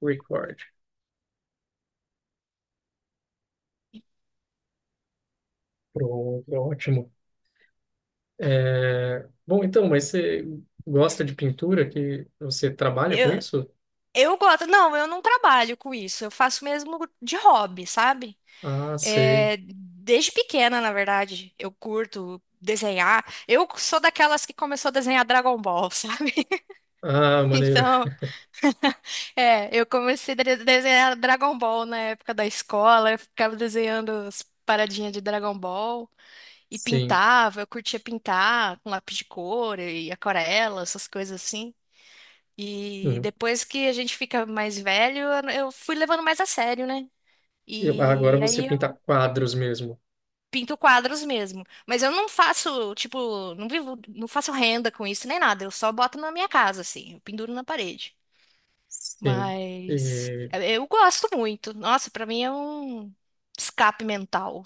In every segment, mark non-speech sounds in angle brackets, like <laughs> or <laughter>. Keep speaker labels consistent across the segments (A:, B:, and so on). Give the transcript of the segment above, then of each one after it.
A: Record. Pronto, ótimo. Bom, então, mas você gosta de pintura? Que você trabalha com
B: Eu,
A: isso?
B: eu gosto. Não, eu não trabalho com isso. Eu faço mesmo de hobby, sabe?
A: Ah, sei.
B: É, desde pequena, na verdade, eu curto desenhar. Eu sou daquelas que começou a desenhar Dragon Ball, sabe? <laughs>
A: Ah, maneiro.
B: Então, é, eu comecei a desenhar Dragon Ball na época da escola. Eu ficava desenhando as paradinhas de Dragon Ball e
A: Sim.
B: pintava. Eu curtia pintar com lápis de cor e aquarela, essas coisas assim. E
A: Hum.
B: depois que a gente fica mais velho, eu fui levando mais a sério, né?
A: Agora
B: E
A: você
B: aí
A: pinta
B: eu
A: quadros mesmo.
B: pinto quadros mesmo. Mas eu não faço, tipo, não vivo, não faço renda com isso nem nada. Eu só boto na minha casa, assim, eu penduro na parede.
A: Sim.
B: Mas
A: E-
B: eu gosto muito. Nossa, pra mim é um escape mental.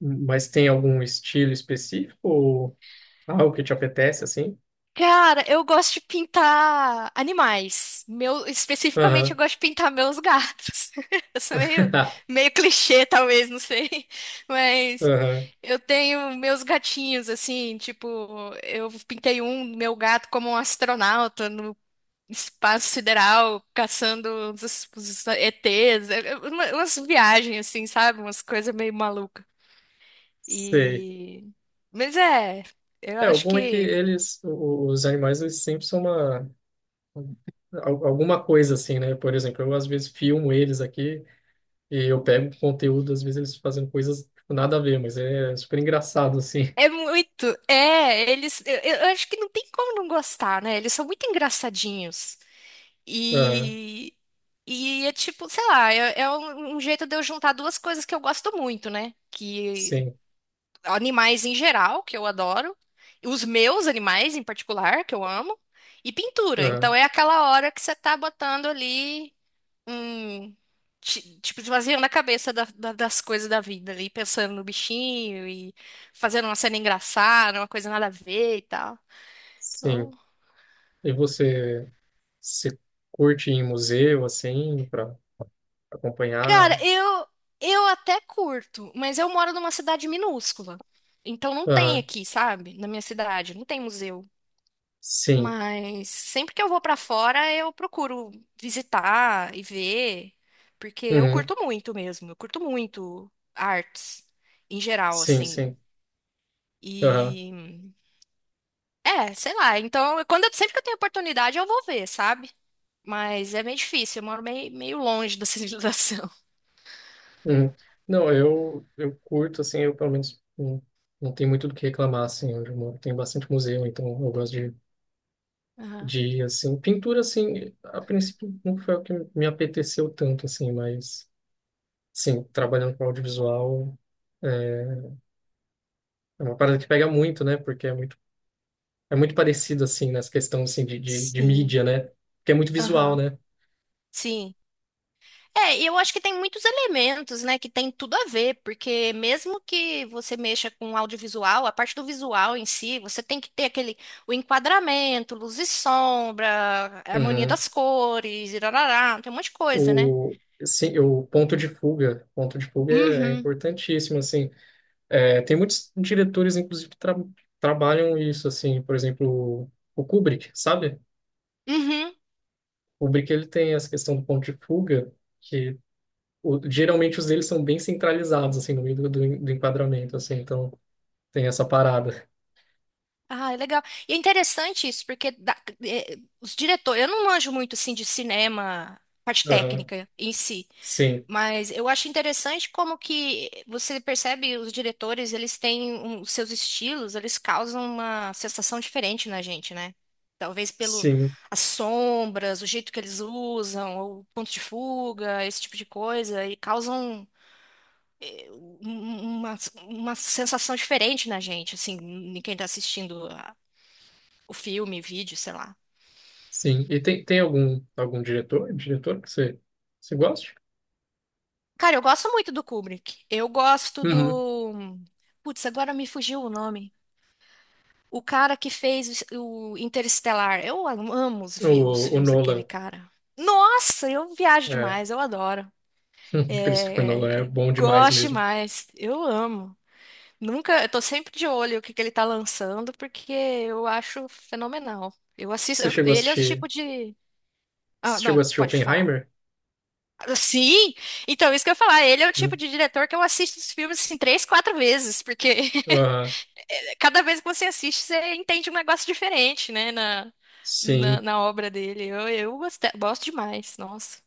A: Mas tem algum estilo específico ou algo que te apetece assim?
B: Cara, eu gosto de pintar animais. Meu, especificamente, eu
A: Aham.
B: gosto de pintar meus gatos. <laughs> Eu sou meio,
A: <laughs>
B: meio clichê, talvez, não sei. <laughs> Mas
A: Aham.
B: eu tenho meus gatinhos, assim, tipo, eu pintei um, meu gato, como um astronauta no espaço sideral, caçando os ETs. É, é, uma- Umas viagens, assim, sabe? Umas coisas meio malucas.
A: Sei.
B: E... Mas é, eu
A: É, o
B: acho
A: bom é que
B: que.
A: eles, os animais, eles sempre são Alguma coisa assim, né? Por exemplo, eu às vezes filmo eles aqui e eu pego conteúdo, às vezes eles fazendo coisas tipo, nada a ver, mas é super engraçado, assim.
B: É
A: <laughs>
B: muito. É, eles. Eu acho que não tem como não gostar, né? Eles são muito engraçadinhos.
A: Aham,
B: E. E é tipo, sei lá, é, é um, um jeito de eu juntar duas coisas que eu gosto muito, né? Que
A: sim,
B: animais em geral, que eu adoro, os meus animais em particular, que eu amo, e pintura.
A: aham,
B: Então é aquela hora que você tá botando ali um- tipo, esvaziando a cabeça das coisas da vida ali, pensando no bichinho e fazendo uma cena engraçada, uma coisa nada a ver e tal. Então,
A: sim. E você, se curte ir em museu, assim, para
B: cara,
A: acompanhar?
B: eu até curto, mas eu moro numa cidade minúscula. Então não tem
A: Aham,
B: aqui, sabe? Na minha cidade, não tem museu.
A: sim,
B: Mas sempre que eu vou pra fora, eu procuro visitar e ver, porque eu
A: uhum,
B: curto muito mesmo, eu curto muito artes em geral,
A: sim,
B: assim.
A: sim, aham,
B: E É, sei lá. Então, eu- quando eu- sempre que eu tenho oportunidade, eu vou ver, sabe? Mas é meio difícil. Eu moro meio, meio longe da civilização. <laughs>
A: uhum. Não, eu curto, assim, eu pelo menos não tenho muito do que reclamar, assim, onde eu moro. Tem bastante museu, então eu gosto de
B: Aham.
A: de, assim, pintura, assim, a princípio não foi o que me apeteceu tanto, assim, mas, sim, trabalhando com audiovisual é é uma parada que pega muito, né, porque é muito, parecido, assim, nessa questão, assim, de
B: Sim.
A: mídia, né, porque é muito visual,
B: Aham.
A: né.
B: Sim. É, e eu acho que tem muitos elementos, né, que tem tudo a ver, porque mesmo que você mexa com audiovisual, a parte do visual em si, você tem que ter aquele, o enquadramento, luz e sombra, harmonia
A: Uhum.
B: das cores, irarará, tem um monte de coisa, né?
A: O, sim, o ponto de fuga é
B: Uhum.
A: importantíssimo, assim, tem muitos diretores, inclusive, que trabalham isso, assim, por exemplo, o Kubrick, sabe?
B: Uhum.
A: O Kubrick, ele tem essa questão do ponto de fuga, que geralmente os deles são bem centralizados, assim, no meio do enquadramento, assim, então tem essa parada.
B: Ah, é legal. E é interessante isso, porque dá- eh, os diretores, eu não manjo muito assim de cinema, parte
A: Aham.
B: técnica em si,
A: Sim,
B: mas eu acho interessante como que você percebe os diretores, eles têm um- os seus estilos, eles causam uma sensação diferente na gente, né? Talvez pelo
A: sim,
B: as sombras, o jeito que eles usam, ou o ponto de fuga, esse tipo de coisa, e causam eh, um- um, uma sensação diferente na gente, assim, em quem está assistindo o filme, vídeo, sei lá.
A: sim. E tem algum diretor que você gosta?
B: Cara, eu gosto muito do Kubrick. Eu gosto
A: Uhum.
B: do. Putz, agora me fugiu o nome. O cara que fez o Interestelar. Eu amo os,
A: O,
B: os
A: o
B: filmes daquele
A: Nolan,
B: cara. Nossa, eu viajo
A: é,
B: demais, eu adoro.
A: <laughs> Christopher Nolan é
B: É,
A: bom demais
B: gosto
A: mesmo.
B: demais, eu amo. Nunca, eu tô sempre de olho o que que ele tá lançando, porque eu acho fenomenal. Eu assisto,
A: Você
B: eu-
A: chegou a
B: ele é o
A: assistir,
B: tipo de. Ah,
A: Você chegou
B: não,
A: a assistir
B: pode falar.
A: Oppenheimer?
B: Sim, então isso que eu ia falar, ele é o tipo
A: Hum.
B: de diretor que eu assisto os filmes assim três, quatro vezes, porque
A: Ah,
B: <laughs> cada vez que você assiste, você entende um negócio diferente, né, na,
A: sim.
B: na obra dele. Eu gosto, gosto demais, nossa.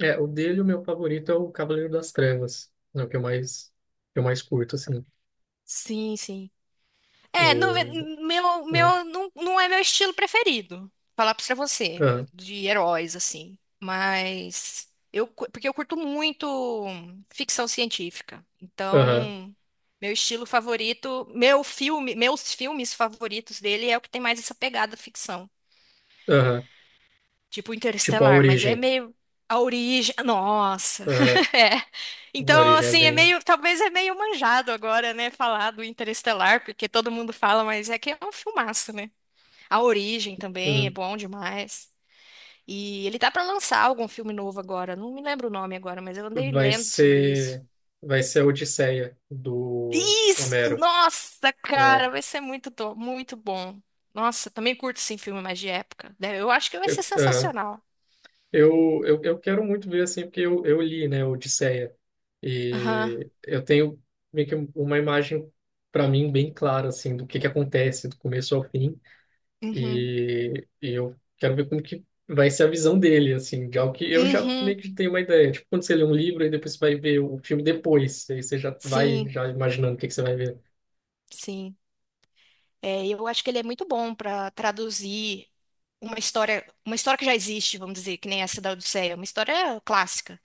A: É, o meu favorito é o Cavaleiro das Trevas, é o que eu mais curto, assim.
B: Sim, sim. É, não, é-
A: O,
B: meu,
A: hum.
B: meu, não, não é meu estilo preferido, falar pra você,
A: Ah,
B: de heróis, assim. Mas eu, porque eu curto muito ficção científica. Então, meu estilo favorito, meu filme, meus filmes favoritos dele é o que tem mais essa pegada ficção.
A: Aham.
B: Tipo
A: Tipo a
B: Interestelar, mas é
A: origem.
B: meio a origem. Nossa,
A: Aham.
B: <laughs> é.
A: A
B: Então,
A: origem é
B: assim, é
A: bem.
B: meio, talvez é meio manjado agora, né, falar do Interestelar, porque todo mundo fala, mas é que é um filmaço, né? A origem também é
A: Hum.
B: bom demais. E ele tá pra lançar algum filme novo agora, não me lembro o nome agora, mas eu andei
A: Vai
B: lendo sobre isso.
A: ser. Vai ser a Odisseia do
B: Isso!
A: Homero,
B: Nossa, cara,
A: né?
B: vai ser muito, muito bom. Nossa, também curto sim filme mais de época. Né? Eu acho que vai ser
A: Aham.
B: sensacional.
A: Eu quero muito ver assim, porque eu li, né, Odisseia.
B: Aham.
A: E eu tenho meio que uma imagem para mim bem clara assim do que acontece do começo ao fim.
B: Uhum.
A: E eu quero ver como que vai ser a visão dele, assim, de algo que eu já
B: Uhum.
A: meio que tenho uma ideia. Tipo, quando você lê um livro e depois você vai ver o filme depois, aí você já vai
B: Sim,
A: já imaginando o que que você vai ver.
B: sim. É, eu acho que ele é muito bom para traduzir uma história que já existe, vamos dizer, que nem essa da Odisseia, uma história clássica.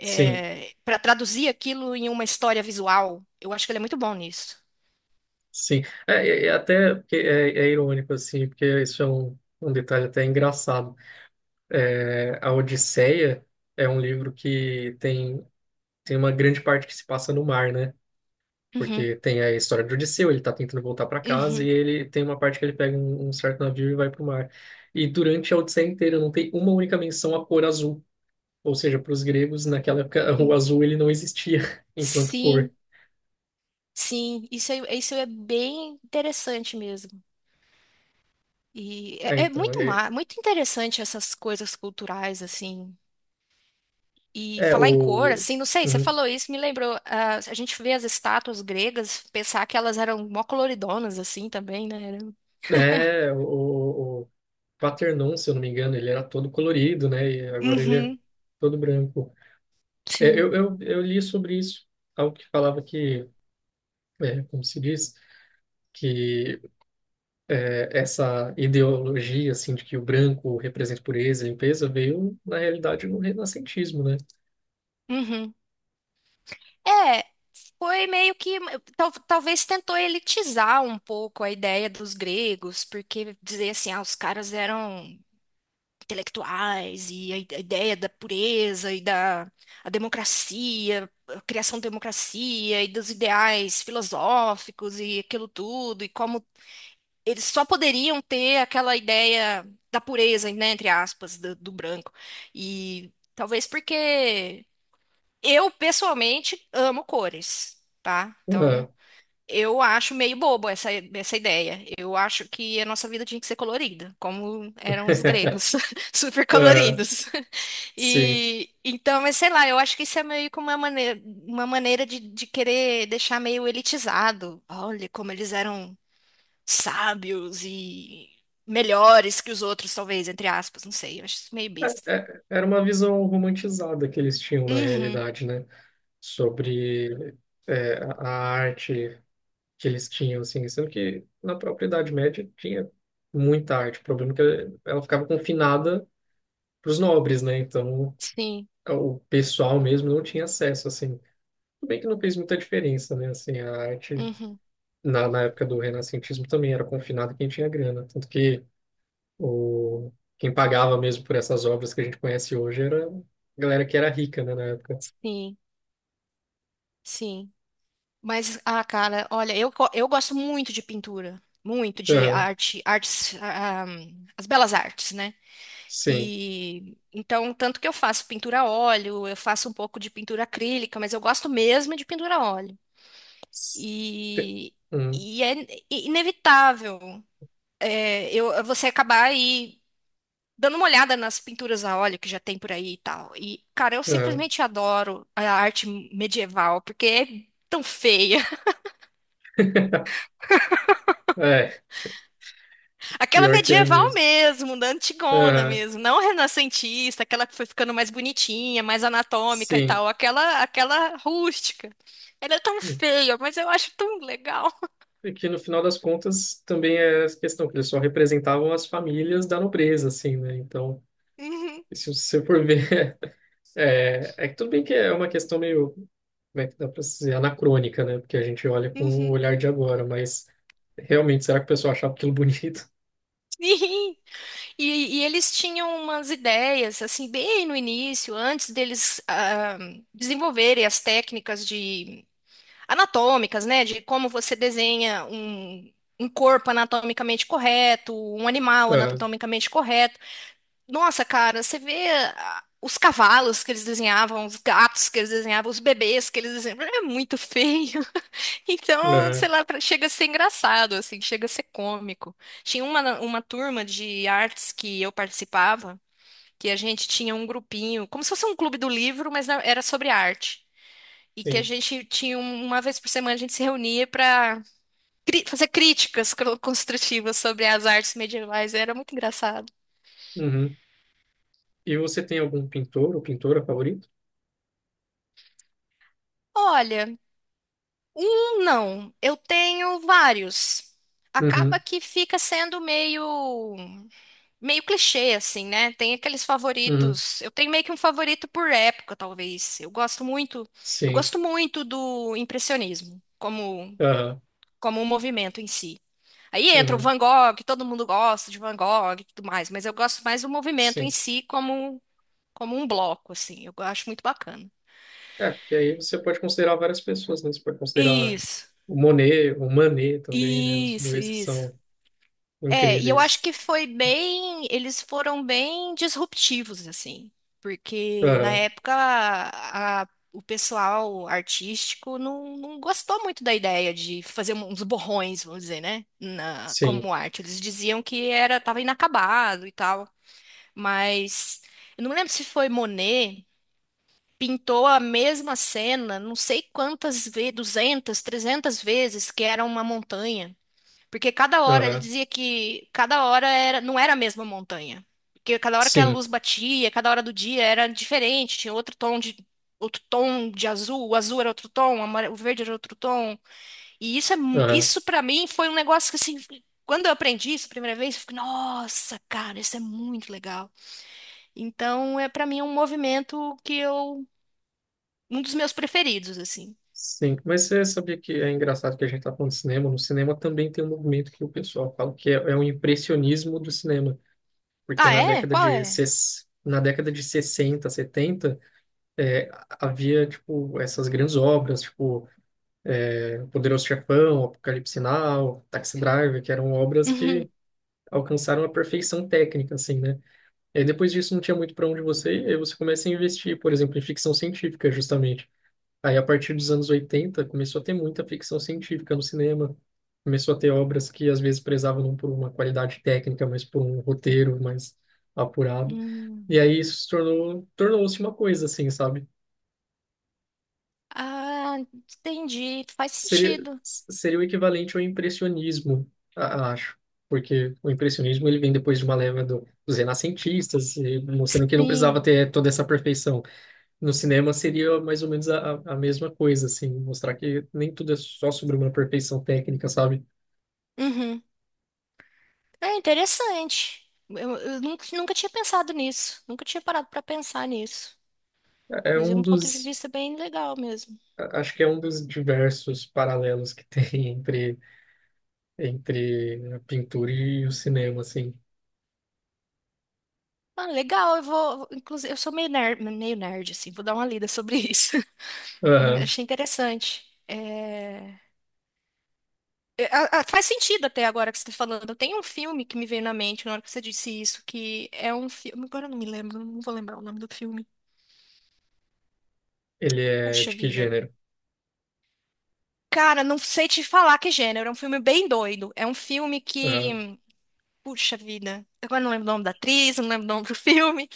A: Sim,
B: para traduzir aquilo em uma história visual, eu acho que ele é muito bom nisso.
A: sim. É até porque é irônico, assim, porque isso é um detalhe até engraçado. É, a Odisseia é um livro que tem uma grande parte que se passa no mar, né?
B: Uhum,
A: Porque tem a história do Odisseu, ele tá tentando voltar para casa e
B: uhum.
A: ele tem uma parte que ele pega um certo navio e vai pro mar. E durante a Odisseia inteira não tem uma única menção à cor azul. Ou seja, para os gregos, naquela época, <laughs> o
B: Hum,
A: azul ele não existia <laughs> enquanto cor.
B: Sim, sim. Isso é bem interessante mesmo. E
A: É,
B: é, é
A: então,
B: muito,
A: é,
B: muito interessante essas coisas culturais, assim. E
A: é
B: falar em cor,
A: o.
B: assim, não sei, você
A: Uhum.
B: falou isso, me lembrou. Ah, a gente vê as estátuas gregas, pensar que elas eram mó coloridonas, assim, também, né? Era-
A: É, o Paternon, se eu não me engano, ele era todo colorido, né? E agora ele é
B: Uhum,
A: todo branco. É,
B: sim.
A: eu li sobre isso, algo que falava que, como se diz que essa ideologia assim de que o branco representa pureza e limpeza veio na realidade no renascentismo, né?
B: Uhum. É, foi meio que. Talvez tentou elitizar um pouco a ideia dos gregos, porque dizer assim, ah, os caras eram intelectuais, e a ideia da pureza e da a democracia, a criação da democracia e dos ideais filosóficos e aquilo tudo, e como eles só poderiam ter aquela ideia da pureza, né, entre aspas, do, do branco. E talvez porque eu, pessoalmente, amo cores, tá? Então,
A: Aham.
B: eu acho meio bobo essa, essa ideia. Eu acho que a nossa vida tinha que ser colorida, como eram os gregos, <laughs> super
A: <laughs> Aham.
B: coloridos.
A: Sim.
B: E então, mas sei lá, eu acho que isso é meio como uma maneira de querer deixar meio elitizado. Olha como eles eram sábios e melhores que os outros, talvez, entre aspas, não sei, eu acho isso meio besta.
A: Era uma visão romantizada que eles tinham na
B: Uhum,
A: realidade, né? Sobre a arte que eles tinham, assim, sendo que na própria Idade Média tinha muita arte. O problema é que ela ficava confinada para os nobres, né? Então
B: sim,
A: o pessoal mesmo não tinha acesso, assim. Tudo bem que não fez muita diferença, né? Assim, a arte
B: uhum,
A: na época do renascentismo também era confinado quem tinha grana. Tanto que o, quem pagava mesmo por essas obras que a gente conhece hoje era a galera que era rica, né, na época.
B: sim, sim. Mas, ah, cara, olha, eu, eu gosto muito de pintura, muito de
A: Aham,
B: arte, artes, as belas artes, né?
A: sim.
B: E então, tanto que eu faço pintura a óleo, eu faço um pouco de pintura acrílica, mas eu gosto mesmo de pintura a óleo.
A: S- te-
B: E,
A: hum,
B: e é inevitável é, eu, você acabar aí dando uma olhada nas pinturas a óleo que já tem por aí e tal. E, cara, eu
A: aham.
B: simplesmente adoro a arte medieval, porque é tão feia. <laughs>
A: <laughs> É,
B: Aquela
A: pior que é
B: medieval
A: mesmo.
B: mesmo, da antigona
A: Aham,
B: mesmo, não renascentista, aquela que foi ficando mais bonitinha, mais anatômica e
A: sim.
B: tal, aquela rústica. Ela é tão feia, mas eu acho tão legal. <laughs>
A: E que no final das contas também é essa questão, que eles só representavam as famílias da nobreza, assim, né? Então,
B: Uhum,
A: se você for ver é que tudo bem que é uma questão meio, como é que dá para dizer, anacrônica, né? Porque a gente olha com o
B: uhum.
A: olhar de agora, mas realmente, será que o pessoal achava aquilo bonito? <laughs>
B: Sim. E eles tinham umas ideias, assim, bem no início, antes deles desenvolverem as técnicas de anatômicas, né? De como você desenha um, um corpo anatomicamente correto, um animal
A: Ah,
B: anatomicamente correto. Nossa, cara, você vê os cavalos que eles desenhavam, os gatos que eles desenhavam, os bebês que eles desenhavam. <laughs> É muito feio. <laughs> Então,
A: ah,
B: sei lá, pra- chega a ser engraçado, assim, chega a ser cômico. Tinha uma turma de artes que eu participava. Que a gente tinha um grupinho, como se fosse um clube do livro, mas na- era sobre arte. E que a
A: sim.
B: gente tinha um- uma vez por semana a gente se reunia para fazer críticas construtivas sobre as artes medievais. Era muito engraçado.
A: Uhum. E você tem algum pintor ou pintora favorito?
B: Olha, um não, eu tenho vários. Acaba
A: Uhum,
B: que fica sendo meio meio clichê assim, né? Tem aqueles
A: uhum,
B: favoritos. Eu tenho meio que um favorito por época, talvez. Eu
A: sim.
B: gosto muito do impressionismo como
A: Aham,
B: como um movimento em si. Aí entra o
A: uhum,
B: Van Gogh, todo mundo gosta de Van Gogh e tudo mais, mas eu gosto mais do movimento em
A: sim.
B: si como, como um bloco, assim, eu acho muito bacana.
A: É, porque aí você pode considerar várias pessoas, né? Você pode considerar
B: Isso,
A: o Monet, o Manet também, né? Os
B: isso,
A: dois que
B: isso.
A: são
B: É, e eu
A: incríveis.
B: acho que foi bem, eles foram bem disruptivos, assim, porque na
A: Aham,
B: época a- o pessoal artístico não, não gostou muito da ideia de fazer um, uns borrões, vamos dizer, né, na-
A: sim.
B: como arte. Eles diziam que era, tava inacabado e tal. Mas eu não lembro se foi Monet, pintou a mesma cena, não sei quantas vezes, 200 300 vezes, que era uma montanha. Porque cada hora ele
A: Aham,
B: dizia que cada hora era, não era a mesma montanha. Porque cada hora que a
A: sim.
B: luz batia, cada hora do dia era diferente, tinha outro tom de azul, o azul era outro tom, o o verde era outro tom. E isso é,
A: Aham.
B: isso para mim foi um negócio que assim, quando eu aprendi isso a primeira vez, eu fiquei, nossa, cara, isso é muito legal. Então, é para mim é um movimento que eu um dos meus preferidos assim.
A: Sim, mas você sabia que é engraçado que a gente está falando de cinema? No cinema também tem um movimento que o pessoal fala que é o impressionismo do cinema, porque
B: Ah, é? Qual é?
A: na década de 60, 70, é, havia, tipo, essas grandes obras, tipo, Poderoso Chefão, Apocalipse Now, Taxi Driver, que eram obras
B: Uhum.
A: que
B: <laughs>
A: alcançaram a perfeição técnica, assim, né? E aí, depois disso não tinha muito para onde você ir, aí você começa a investir, por exemplo, em ficção científica, justamente. Aí, a partir dos anos 80 começou a ter muita ficção científica no cinema. Começou a ter obras que às vezes prezavam não por uma qualidade técnica, mas por um roteiro mais apurado. E
B: Hum.
A: aí isso se tornou-se uma coisa, assim, sabe?
B: Ah, entendi. Faz
A: Seria,
B: sentido.
A: seria o equivalente ao impressionismo, acho. Porque o impressionismo ele vem depois de uma leva dos renascentistas, e mostrando que não precisava
B: Sim.
A: ter toda essa perfeição. No cinema seria mais ou menos a mesma coisa, assim, mostrar que nem tudo é só sobre uma perfeição técnica, sabe?
B: Uhum. É interessante. Eu nunca, nunca tinha pensado nisso. Nunca tinha parado para pensar nisso.
A: É é
B: Mas é
A: um
B: um ponto de
A: dos,
B: vista bem legal mesmo.
A: Acho que é um dos diversos paralelos que tem <laughs> entre a pintura e o cinema, assim.
B: Ah, legal. Eu inclusive, eu sou meio nerd assim. Vou dar uma lida sobre isso. <laughs>
A: Aham.
B: Achei interessante. É, É, Faz sentido até agora que você está falando. Tem um filme que me veio na mente na hora que você disse isso, que é um filme. Agora eu não me lembro, não vou lembrar o nome do filme.
A: Ele é
B: Puxa
A: de que
B: vida.
A: gênero?
B: Cara, não sei te falar que gênero. É um filme bem doido. É um filme
A: Aham.
B: que. Puxa vida. Agora eu não lembro o nome da atriz, não lembro o nome do filme.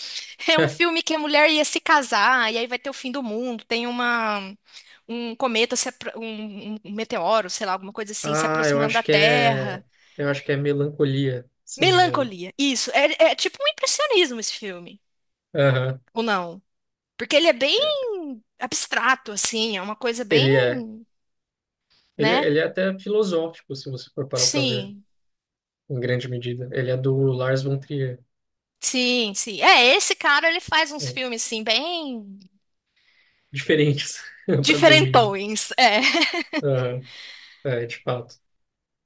B: É um filme
A: <laughs>
B: que a mulher ia se casar e aí vai ter o fim do mundo. Tem uma um cometa, se apro- um, um meteoro, sei lá, alguma coisa assim, se
A: Ah, eu
B: aproximando
A: acho
B: da
A: que
B: Terra.
A: é, eu acho que é melancolia, se eu não me engano.
B: Melancolia. Isso. É, é tipo um impressionismo esse filme.
A: Aham.
B: Ou não? Porque ele é bem abstrato, assim, é uma coisa bem,
A: Ele é,
B: né?
A: Ele é até filosófico, se você for parar para ver,
B: Sim,
A: em grande medida. Ele é do Lars von Trier.
B: sim, sim. É, esse cara, ele faz uns
A: um
B: filmes, assim, bem
A: Diferentes, <laughs> para dizer o mínimo.
B: diferentões. É, <laughs>
A: Aham, é, de fato.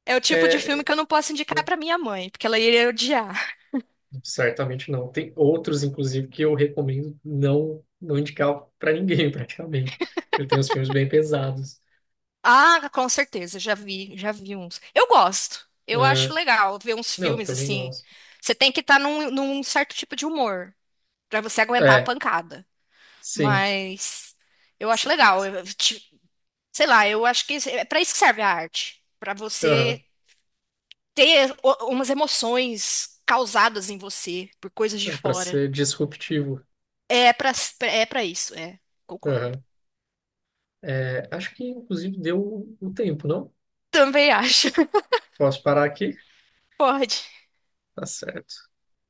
B: é o tipo de filme
A: É,
B: que eu não posso indicar
A: né,
B: pra minha mãe, porque ela iria odiar.
A: certamente não. Tem outros, inclusive, que eu recomendo não indicar para ninguém, <laughs> praticamente. Ele tem uns filmes bem pesados.
B: Ah, com certeza, já vi uns. Eu gosto, eu acho
A: Ah,
B: legal ver uns
A: não,
B: filmes,
A: também
B: assim.
A: gosto.
B: Você tem que estar num, num certo tipo de humor pra você aguentar a
A: É,
B: pancada.
A: sim.
B: Mas eu
A: S-
B: acho legal.
A: s-
B: Eu- Sei lá, eu acho que é para isso que serve a arte, para
A: aham,
B: você ter o- umas emoções causadas em você por coisas de
A: é para
B: fora.
A: ser disruptivo.
B: É para é para isso, é. Concordo.
A: Aham. É, acho que, inclusive, deu o tempo, não?
B: Também acho. <laughs>
A: Posso parar aqui?
B: Pode.
A: Tá certo.